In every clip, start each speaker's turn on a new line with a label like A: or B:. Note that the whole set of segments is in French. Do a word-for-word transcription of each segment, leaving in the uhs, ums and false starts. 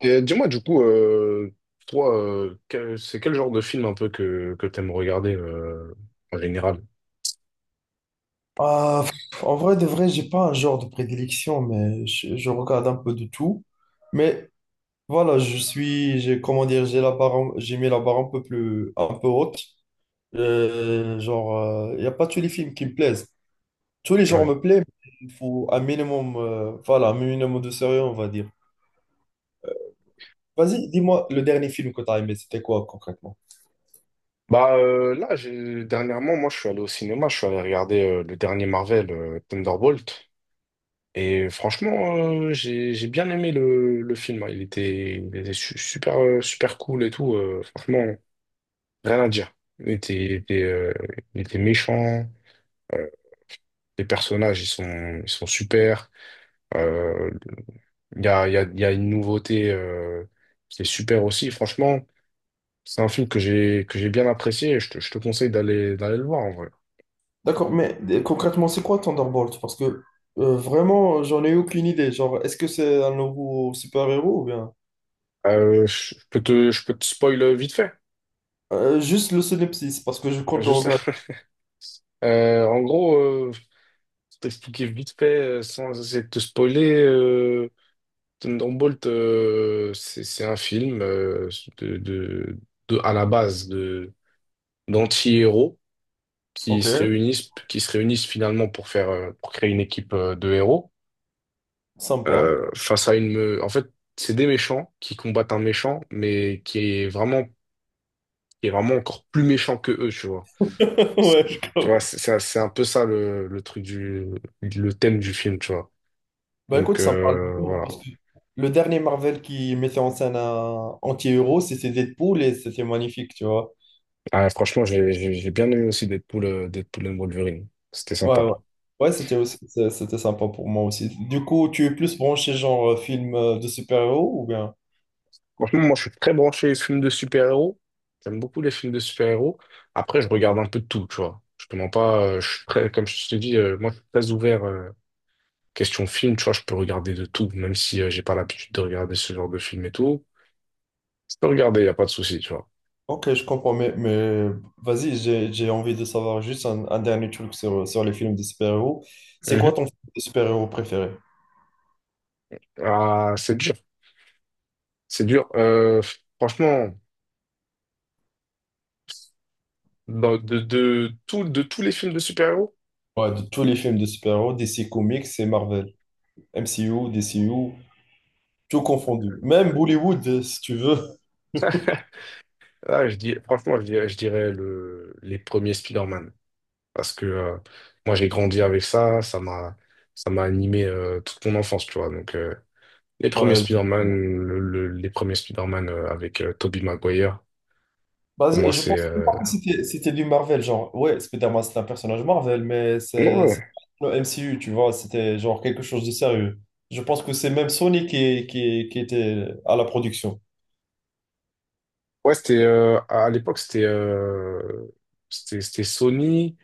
A: Et dis-moi, du coup, euh, toi, euh, quel- c'est quel genre de film un peu que, que t'aimes regarder euh, en général?
B: Ah, pff, en vrai de vrai, j'ai pas un genre de prédilection, mais je, je regarde un peu de tout. Mais voilà, je suis, j'ai, comment dire, j'ai la barre, un- j'ai mis la barre un peu plus, un peu haute. Euh, genre, il n'y a pas tous les films qui me plaisent. Tous les genres
A: Ouais.
B: me plaisent, mais il faut un minimum, euh, voilà, un minimum de sérieux, on va dire. Vas-y, dis-moi, le dernier film que tu as aimé, c'était quoi concrètement?
A: Bah euh, là, j'ai- dernièrement, moi, je suis allé au cinéma, je suis allé regarder euh, le dernier Marvel, euh, Thunderbolt. Et franchement, euh, j'ai j'ai bien aimé le, le film, hein. Il était, il était su- super, euh, super cool et tout. euh, franchement, rien à dire. Il était, il était, euh, il était méchant. euh, les personnages, ils sont, ils sont super. Euh, Il y a, il y a, il y a une nouveauté euh, qui est super aussi. Franchement, c'est un film que j'ai que j'ai bien apprécié et je te, je te conseille d'aller d'aller le voir en vrai.
B: D'accord, mais euh, concrètement, c'est quoi Thunderbolt? Parce que euh, vraiment, j'en ai aucune idée. Genre, est-ce que c'est un nouveau super-héros ou bien...
A: Euh, je je peux te, je peux te spoil vite fait.
B: Euh, juste le synopsis, parce que je compte le
A: Juste,
B: regarder.
A: euh, en gros, euh, t'expliquer vite fait euh, sans essayer de te spoiler. Euh, Thunderbolt, euh, c'est c'est un film euh, de, de, de- à la base de d'anti-héros qui
B: Ok,
A: se réunissent qui se réunissent finalement pour faire euh, pour créer une équipe euh, de héros.
B: sympa.
A: euh, face à une... me- En fait, c'est des méchants qui combattent un méchant, mais qui est vraiment, qui est vraiment encore plus méchant que eux, tu vois. C'est-
B: Ouais, je
A: Tu vois,
B: comprends.
A: c'est c'est- un c'est un peu ça le, le truc du... le thème du film, tu vois.
B: Bah
A: Donc,
B: écoute, ça me parle
A: euh,
B: beaucoup,
A: voilà.
B: parce que le dernier Marvel qui mettait en scène un anti-héros, c'était Deadpool et c'était magnifique, tu vois.
A: Ah, franchement, j'ai j'ai- j'ai bien aimé aussi Deadpool, euh, Deadpool and Wolverine. C'était
B: Ouais,
A: sympa.
B: ouais. Ouais, c'était aussi, c'est- c'était sympa pour moi aussi. Du coup, tu es plus branché genre euh, film euh, de super-héros ou bien?
A: Franchement, moi, je suis très branché les films de super-héros. J'aime beaucoup les films de super-héros. Après, je regarde un peu de tout, tu vois. Je te mens pas, euh, je suis très, comme je te dis, euh, moi, je suis très ouvert. euh, Question film, tu vois, je peux regarder de tout, même si euh, j'ai pas l'habitude de regarder ce genre de film et tout. Je peux regarder, y a pas de souci, tu vois.
B: Ok, je comprends, mais, mais vas-y, j'ai, j'ai envie de savoir juste un, un dernier truc sur, sur les films de super-héros. C'est quoi
A: Mhm.
B: ton film de super-héros préféré?
A: Ah, c'est dur, c'est dur. Euh, franchement, dans- de, de, tout, de tous les films de super-héros,
B: Ouais, de tous les films de super-héros, D C Comics et Marvel. M C U, D C U, tout confondu. Même Bollywood, euh, si tu veux.
A: ah, je dis, franchement, je dirais, je dirais le, les premiers Spider-Man. Parce que euh, moi, j'ai grandi avec ça, ça m'a, ça m'a animé euh, toute mon enfance, tu vois. Donc, euh, les premiers
B: Ouais.
A: Spider-Man, le- le- les premiers Spider-Man euh, avec Toby Tobey Maguire,
B: Bah,
A: pour
B: je
A: moi,
B: je
A: c'est...
B: pense même
A: euh,
B: pas que c'était c'était du Marvel, genre, ouais, Spider-Man, c'est un personnage Marvel, mais
A: ouais,
B: c'est
A: ouais.
B: c'est pas le M C U, tu vois, c'était genre quelque chose de sérieux. Je pense que c'est même Sony qui, qui, qui était à la production.
A: Ouais, c'était euh, à l'époque c'était euh, c'était c'était Sony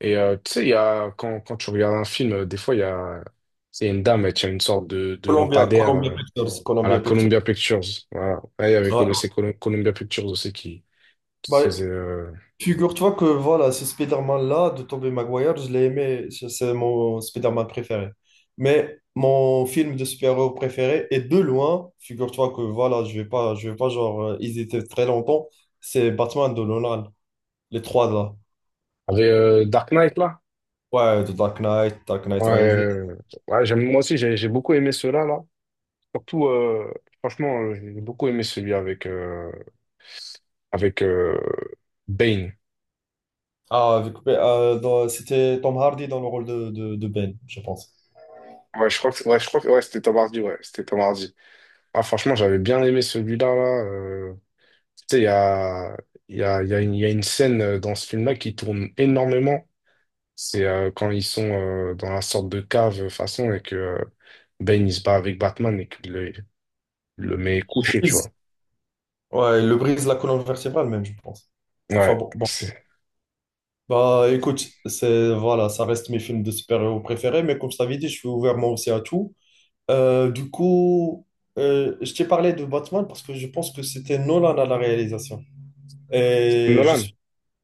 A: et euh, tu sais il y a quand quand tu regardes un film euh, des fois il y a c'est une dame elle tient une sorte de de
B: Columbia,
A: lampadaire
B: Columbia
A: euh,
B: Pictures,
A: à
B: Columbia
A: la
B: Pictures.
A: Columbia Pictures, voilà là il y avait Col-
B: Ouais.
A: c'est Col- Columbia Pictures aussi qui, qui
B: Bah,
A: faisait euh,
B: figure-toi que voilà, ce Spider-Man-là de Tobey Maguire, je l'ai aimé, c'est c'est mon Spider-Man préféré. Mais mon film de super-héros préféré est de loin, figure-toi que voilà, je vais pas, je vais pas genre euh, hésiter très longtemps, c'est Batman de Nolan, les trois là.
A: avec euh, Dark Knight là,
B: Ouais, The Dark Knight, Dark
A: ouais
B: Knight Rises.
A: euh, ouais j'aime moi aussi j'ai j'ai beaucoup aimé ceux-là là, surtout euh, franchement euh, j'ai beaucoup aimé celui avec euh, avec euh, Bane.
B: Ah, avec, euh, dans- c'était Tom Hardy dans le rôle de, de, de Ben, je pense.
A: ouais je crois que ouais je crois que ouais c'était Tom Hardy, ouais c'était Tom Hardy Ah, franchement, j'avais bien aimé celui-là, là. euh, Tu sais, il y a, il y a, il y a une, il y a une scène euh, dans ce film-là qui tourne énormément. C'est euh, quand ils sont euh, dans la sorte de cave, euh, façon, et que euh, Bane, il se bat avec Batman et qu'il le, le met couché, tu
B: Brise.
A: vois.
B: Ouais, il le brise la colonne vertébrale même, je pense. Enfin
A: Ouais,
B: bon, bon.
A: c'est
B: Bah écoute, c'est voilà, ça reste mes films de super-héros préférés, mais comme je t'avais dit, je suis ouvert moi aussi à tout. Euh, du coup, euh, je t'ai parlé de Batman parce que je pense que c'était Nolan à la réalisation. Et je
A: Nolan.
B: suis,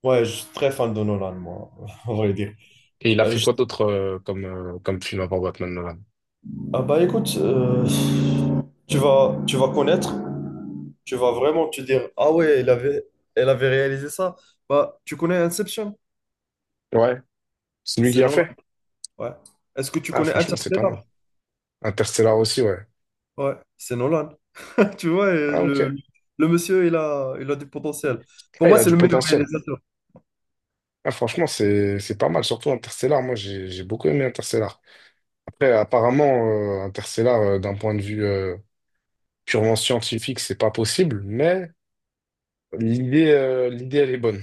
B: ouais, je suis très fan de Nolan, moi, on va dire.
A: Et il a
B: Euh,
A: fait
B: je-
A: quoi d'autre euh, comme, euh, comme film avant Batman, Nolan?
B: ah bah écoute, euh, tu vas, tu vas connaître, tu vas vraiment te dire, ah ouais, elle avait, elle avait réalisé ça. Bah, tu connais Inception?
A: Ouais, c'est lui
B: C'est
A: qui a
B: Nolan,
A: fait.
B: ouais. Est-ce que tu
A: Ah,
B: connais
A: franchement, c'est pas mal.
B: Interstellar?
A: Interstellar aussi, ouais.
B: Ouais, c'est Nolan. Tu vois, et
A: Ah,
B: le,
A: ok.
B: le monsieur, il a, il a du potentiel.
A: Ah,
B: Pour
A: il
B: moi,
A: a
B: c'est
A: du
B: le meilleur
A: potentiel.
B: réalisateur.
A: Ah, franchement, c'est c'est pas mal, surtout Interstellar. Moi, j'ai j'ai beaucoup aimé Interstellar. Après, apparemment, euh, Interstellar, euh, d'un point de vue euh, purement scientifique, c'est pas possible, mais l'idée, euh, l'idée, elle est bonne,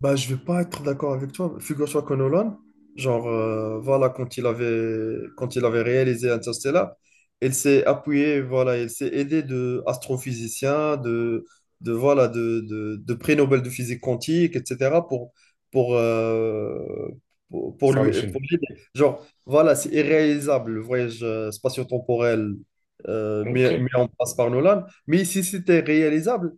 B: Bah, je vais pas être d'accord avec toi. Figure-toi que Nolan, genre, euh, voilà, quand il avait, quand il avait réalisé Interstellar, il s'est appuyé, voilà, il s'est aidé de astrophysiciens, de, de, voilà, de, de, de prix Nobel de physique quantique, et cetera, pour, pour, euh, pour, pour
A: faire
B: lui,
A: le film.
B: pour l'aider. Genre, voilà, c'est irréalisable, le voyage euh, spatio-temporel euh,
A: Ok,
B: mis, mis en place par Nolan. Mais si c'était réalisable,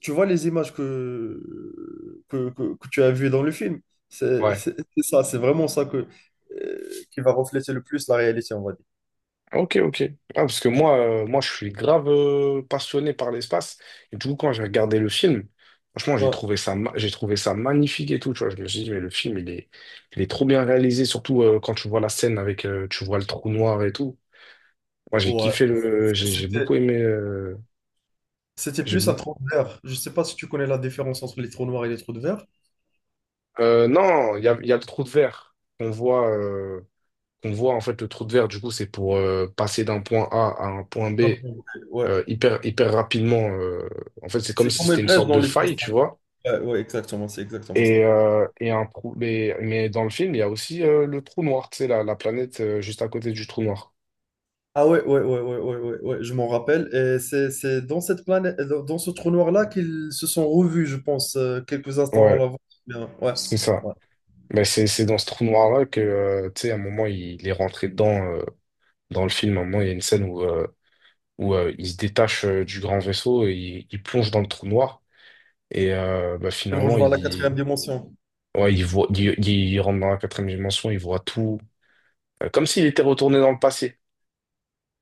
B: tu vois les images que, que, que- que tu as vues dans le film. C'est
A: ouais,
B: c'est- c'est ça, c'est vraiment ça que, euh, qui va refléter le plus la réalité, on va dire.
A: ok, ok. Ah, parce que moi, euh, moi, je suis grave euh, passionné par l'espace, et du coup, quand j'ai regardé le film, franchement, j'ai
B: Bon,
A: trouvé ça, ma- j'ai trouvé ça magnifique et tout, tu vois. Je me suis dit, mais le film, il est, il est trop bien réalisé, surtout euh, quand tu vois la scène avec, euh, tu vois le trou noir et tout. Moi, j'ai
B: ouais,
A: kiffé le, j'ai j'ai beaucoup
B: c'était,
A: aimé, euh,
B: c'était
A: j'ai
B: plus un trou de verre. Je sais pas si tu connais la différence entre les trous noirs et les trous de verre.
A: Euh, non, il y a, il y a le trou de verre qu'on voit, euh, qu'on voit en fait le trou de verre. Du coup, c'est pour euh, passer d'un point A à un point B
B: Un peu, ouais.
A: euh, hyper hyper rapidement. euh. En fait, c'est comme
B: C'est
A: si
B: comme une
A: c'était une
B: brèche
A: sorte
B: dans
A: de faille, tu
B: l'espace-temps.
A: vois.
B: Ouais, ouais, exactement, c'est exactement ça.
A: Et, euh, et un trou. Mais, mais dans le film, il y a aussi euh, le trou noir, tu sais, la, la planète euh, juste à côté du trou noir.
B: Ah ouais, ouais, ouais, ouais, ouais, ouais, ouais, je m'en rappelle. Et c'est c'est dans cette planète, dans dans ce trou noir-là qu'ils se sont revus, je pense, euh, quelques instants
A: Ouais,
B: avant. Bien,
A: c'est ça.
B: ouais.
A: Mais c'est c'est dans ce trou noir-là que, euh, tu sais, à un moment, il, il est rentré dedans euh, dans le film. À un moment, il y a une scène où, euh, où euh, il se détache euh, du grand vaisseau et il, il plonge dans le trou noir. Et euh, bah,
B: C'est
A: finalement,
B: rejoindre la quatrième
A: il,
B: dimension.
A: ouais, il voit, il, il rentre dans la quatrième dimension, il voit tout. Euh, Comme s'il était retourné dans le passé,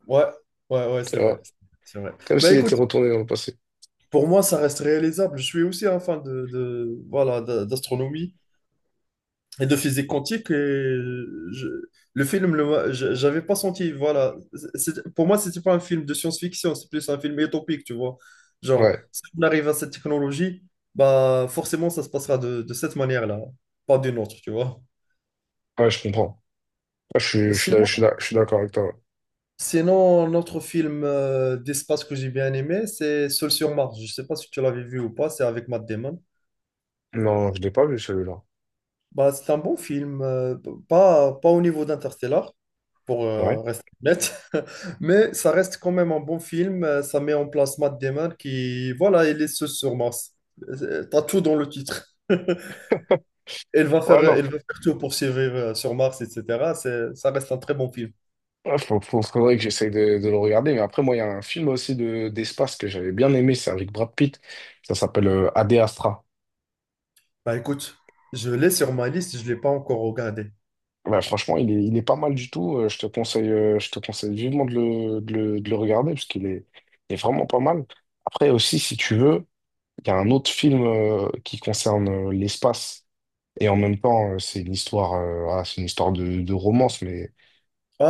B: Ouais, ouais, ouais, c'est
A: tu
B: vrai.
A: vois.
B: C'est vrai.
A: Comme
B: Bah
A: s'il
B: écoute,
A: était retourné dans le passé.
B: pour moi, ça reste réalisable. Je suis aussi un fan de, de- voilà, d'a- d'astronomie et de physique quantique. Et je- le film, le m'a- je- j'avais pas senti. Voilà. C'est- pour moi, c'était pas un film de science-fiction, c'est plus un film utopique, tu vois. Genre,
A: Ouais,
B: si on arrive à cette technologie, bah forcément, ça se passera de, de cette manière-là, pas d'une autre, tu vois.
A: ouais, je comprends. Ouais, je suis, je suis, d'ac- je suis
B: Sinon,
A: d'ac- je suis d'accord avec toi.
B: Sinon, un autre film euh, d'espace que j'ai bien aimé, c'est Seul sur Mars. Je ne sais pas si tu l'avais vu ou pas, c'est avec Matt Damon.
A: Non, je l'ai pas vu celui-là.
B: Bah, c'est un bon film, euh, p- pas, pas au niveau d'Interstellar, pour euh,
A: Ouais.
B: rester honnête, mais ça reste quand même un bon film. euh, Ça met en place Matt Damon qui, voilà, il est seul sur Mars. Euh, T'as tout dans le titre. Elle va
A: Ouais,
B: faire,
A: non.
B: elle
A: f-
B: va faire tout pour survivre euh, sur Mars, et cetera. C'est- Ça reste un très bon film.
A: ouais, faut- faut- faudrait que j'essaye de, de le regarder. Mais après, moi, il y a un film aussi de, d'espace que j'avais bien aimé, c'est avec Brad Pitt. Ça s'appelle euh, Ad Astra.
B: Bah écoute, je l'ai sur ma liste, je ne l'ai pas encore regardé.
A: Bah, franchement, il est, il est pas mal du tout. Euh, je te conseille, euh, je te conseille vivement de le, de le, de le regarder parce qu'il est, il est vraiment pas mal. Après aussi, si tu veux, il y a un autre film euh, qui concerne euh, l'espace et en même temps, euh, c'est une histoire, euh, ah, c'est une histoire de, de romance, mais,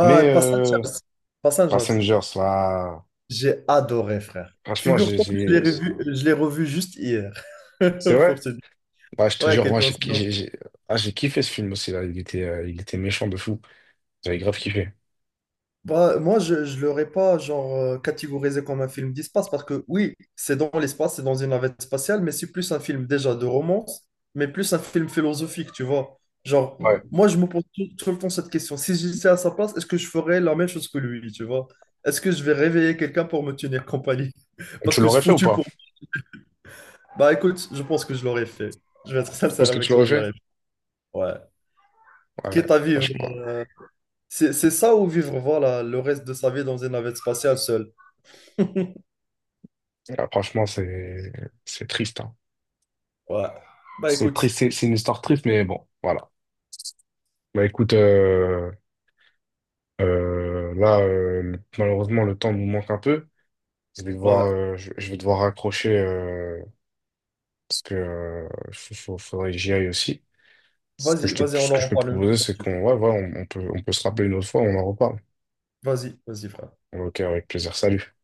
A: mais euh,
B: Passengers. Passengers.
A: Passengers, là,
B: J'ai adoré, frère.
A: franchement, j'ai,
B: Figure-toi que je l'ai
A: j'ai-
B: revu, je l'ai revu juste hier.
A: c'est vrai.
B: Pour te dire.
A: Bah, je te
B: Ouais,
A: jure,
B: quelle
A: moi, j'ai,
B: coïncidence.
A: j'ai, j'ai- ah, j'ai kiffé ce film aussi là. Il était, euh, il était méchant de fou. J'avais grave kiffé.
B: Bah, moi, je ne l'aurais pas genre euh, catégorisé comme un film d'espace parce que oui, c'est dans l'espace, c'est dans une navette spatiale, mais c'est plus un film déjà de romance, mais plus un film philosophique, tu vois. Genre,
A: Ouais.
B: moi, je me pose tout, tout le temps cette question. Si j'étais à sa place, est-ce que je ferais la même chose que lui, tu vois? Est-ce que je vais réveiller quelqu'un pour me tenir compagnie? Parce
A: Tu
B: que c'est
A: l'aurais fait ou
B: foutu
A: pas?
B: pour bah écoute, je pense que je l'aurais fait. Je vais être
A: Je
B: sincère
A: pense que
B: avec
A: tu
B: toi,
A: l'aurais
B: je
A: fait?
B: l'aurais fait. Ouais.
A: Ouais,
B: Quitte à vivre.
A: franchement.
B: euh, C'est c'est ça ou vivre, voilà, le reste de sa vie dans une navette spatiale seule.
A: Ah, franchement, c'est c'est triste, hein.
B: Ouais. Bah
A: C'est
B: écoute,
A: triste, c'est c'est une histoire triste, mais bon, voilà. Bah écoute, euh, euh, là, euh, le- malheureusement, le temps nous manque un peu. Je vais devoir,
B: ouais.
A: euh, je, je vais devoir raccrocher euh, parce que euh, faut- faut- faudrait que j'y aille aussi. Ce que
B: Vas-y,
A: je
B: vas-y,
A: te,
B: on
A: ce
B: en
A: que je peux te
B: reparle une autre
A: proposer,
B: fois si
A: c'est
B: tu veux.
A: qu'on, ouais, voilà, on, on peut, on peut se rappeler une autre fois, on en reparle.
B: Vas-y, vas-y, frère.
A: Ok, avec plaisir. Salut.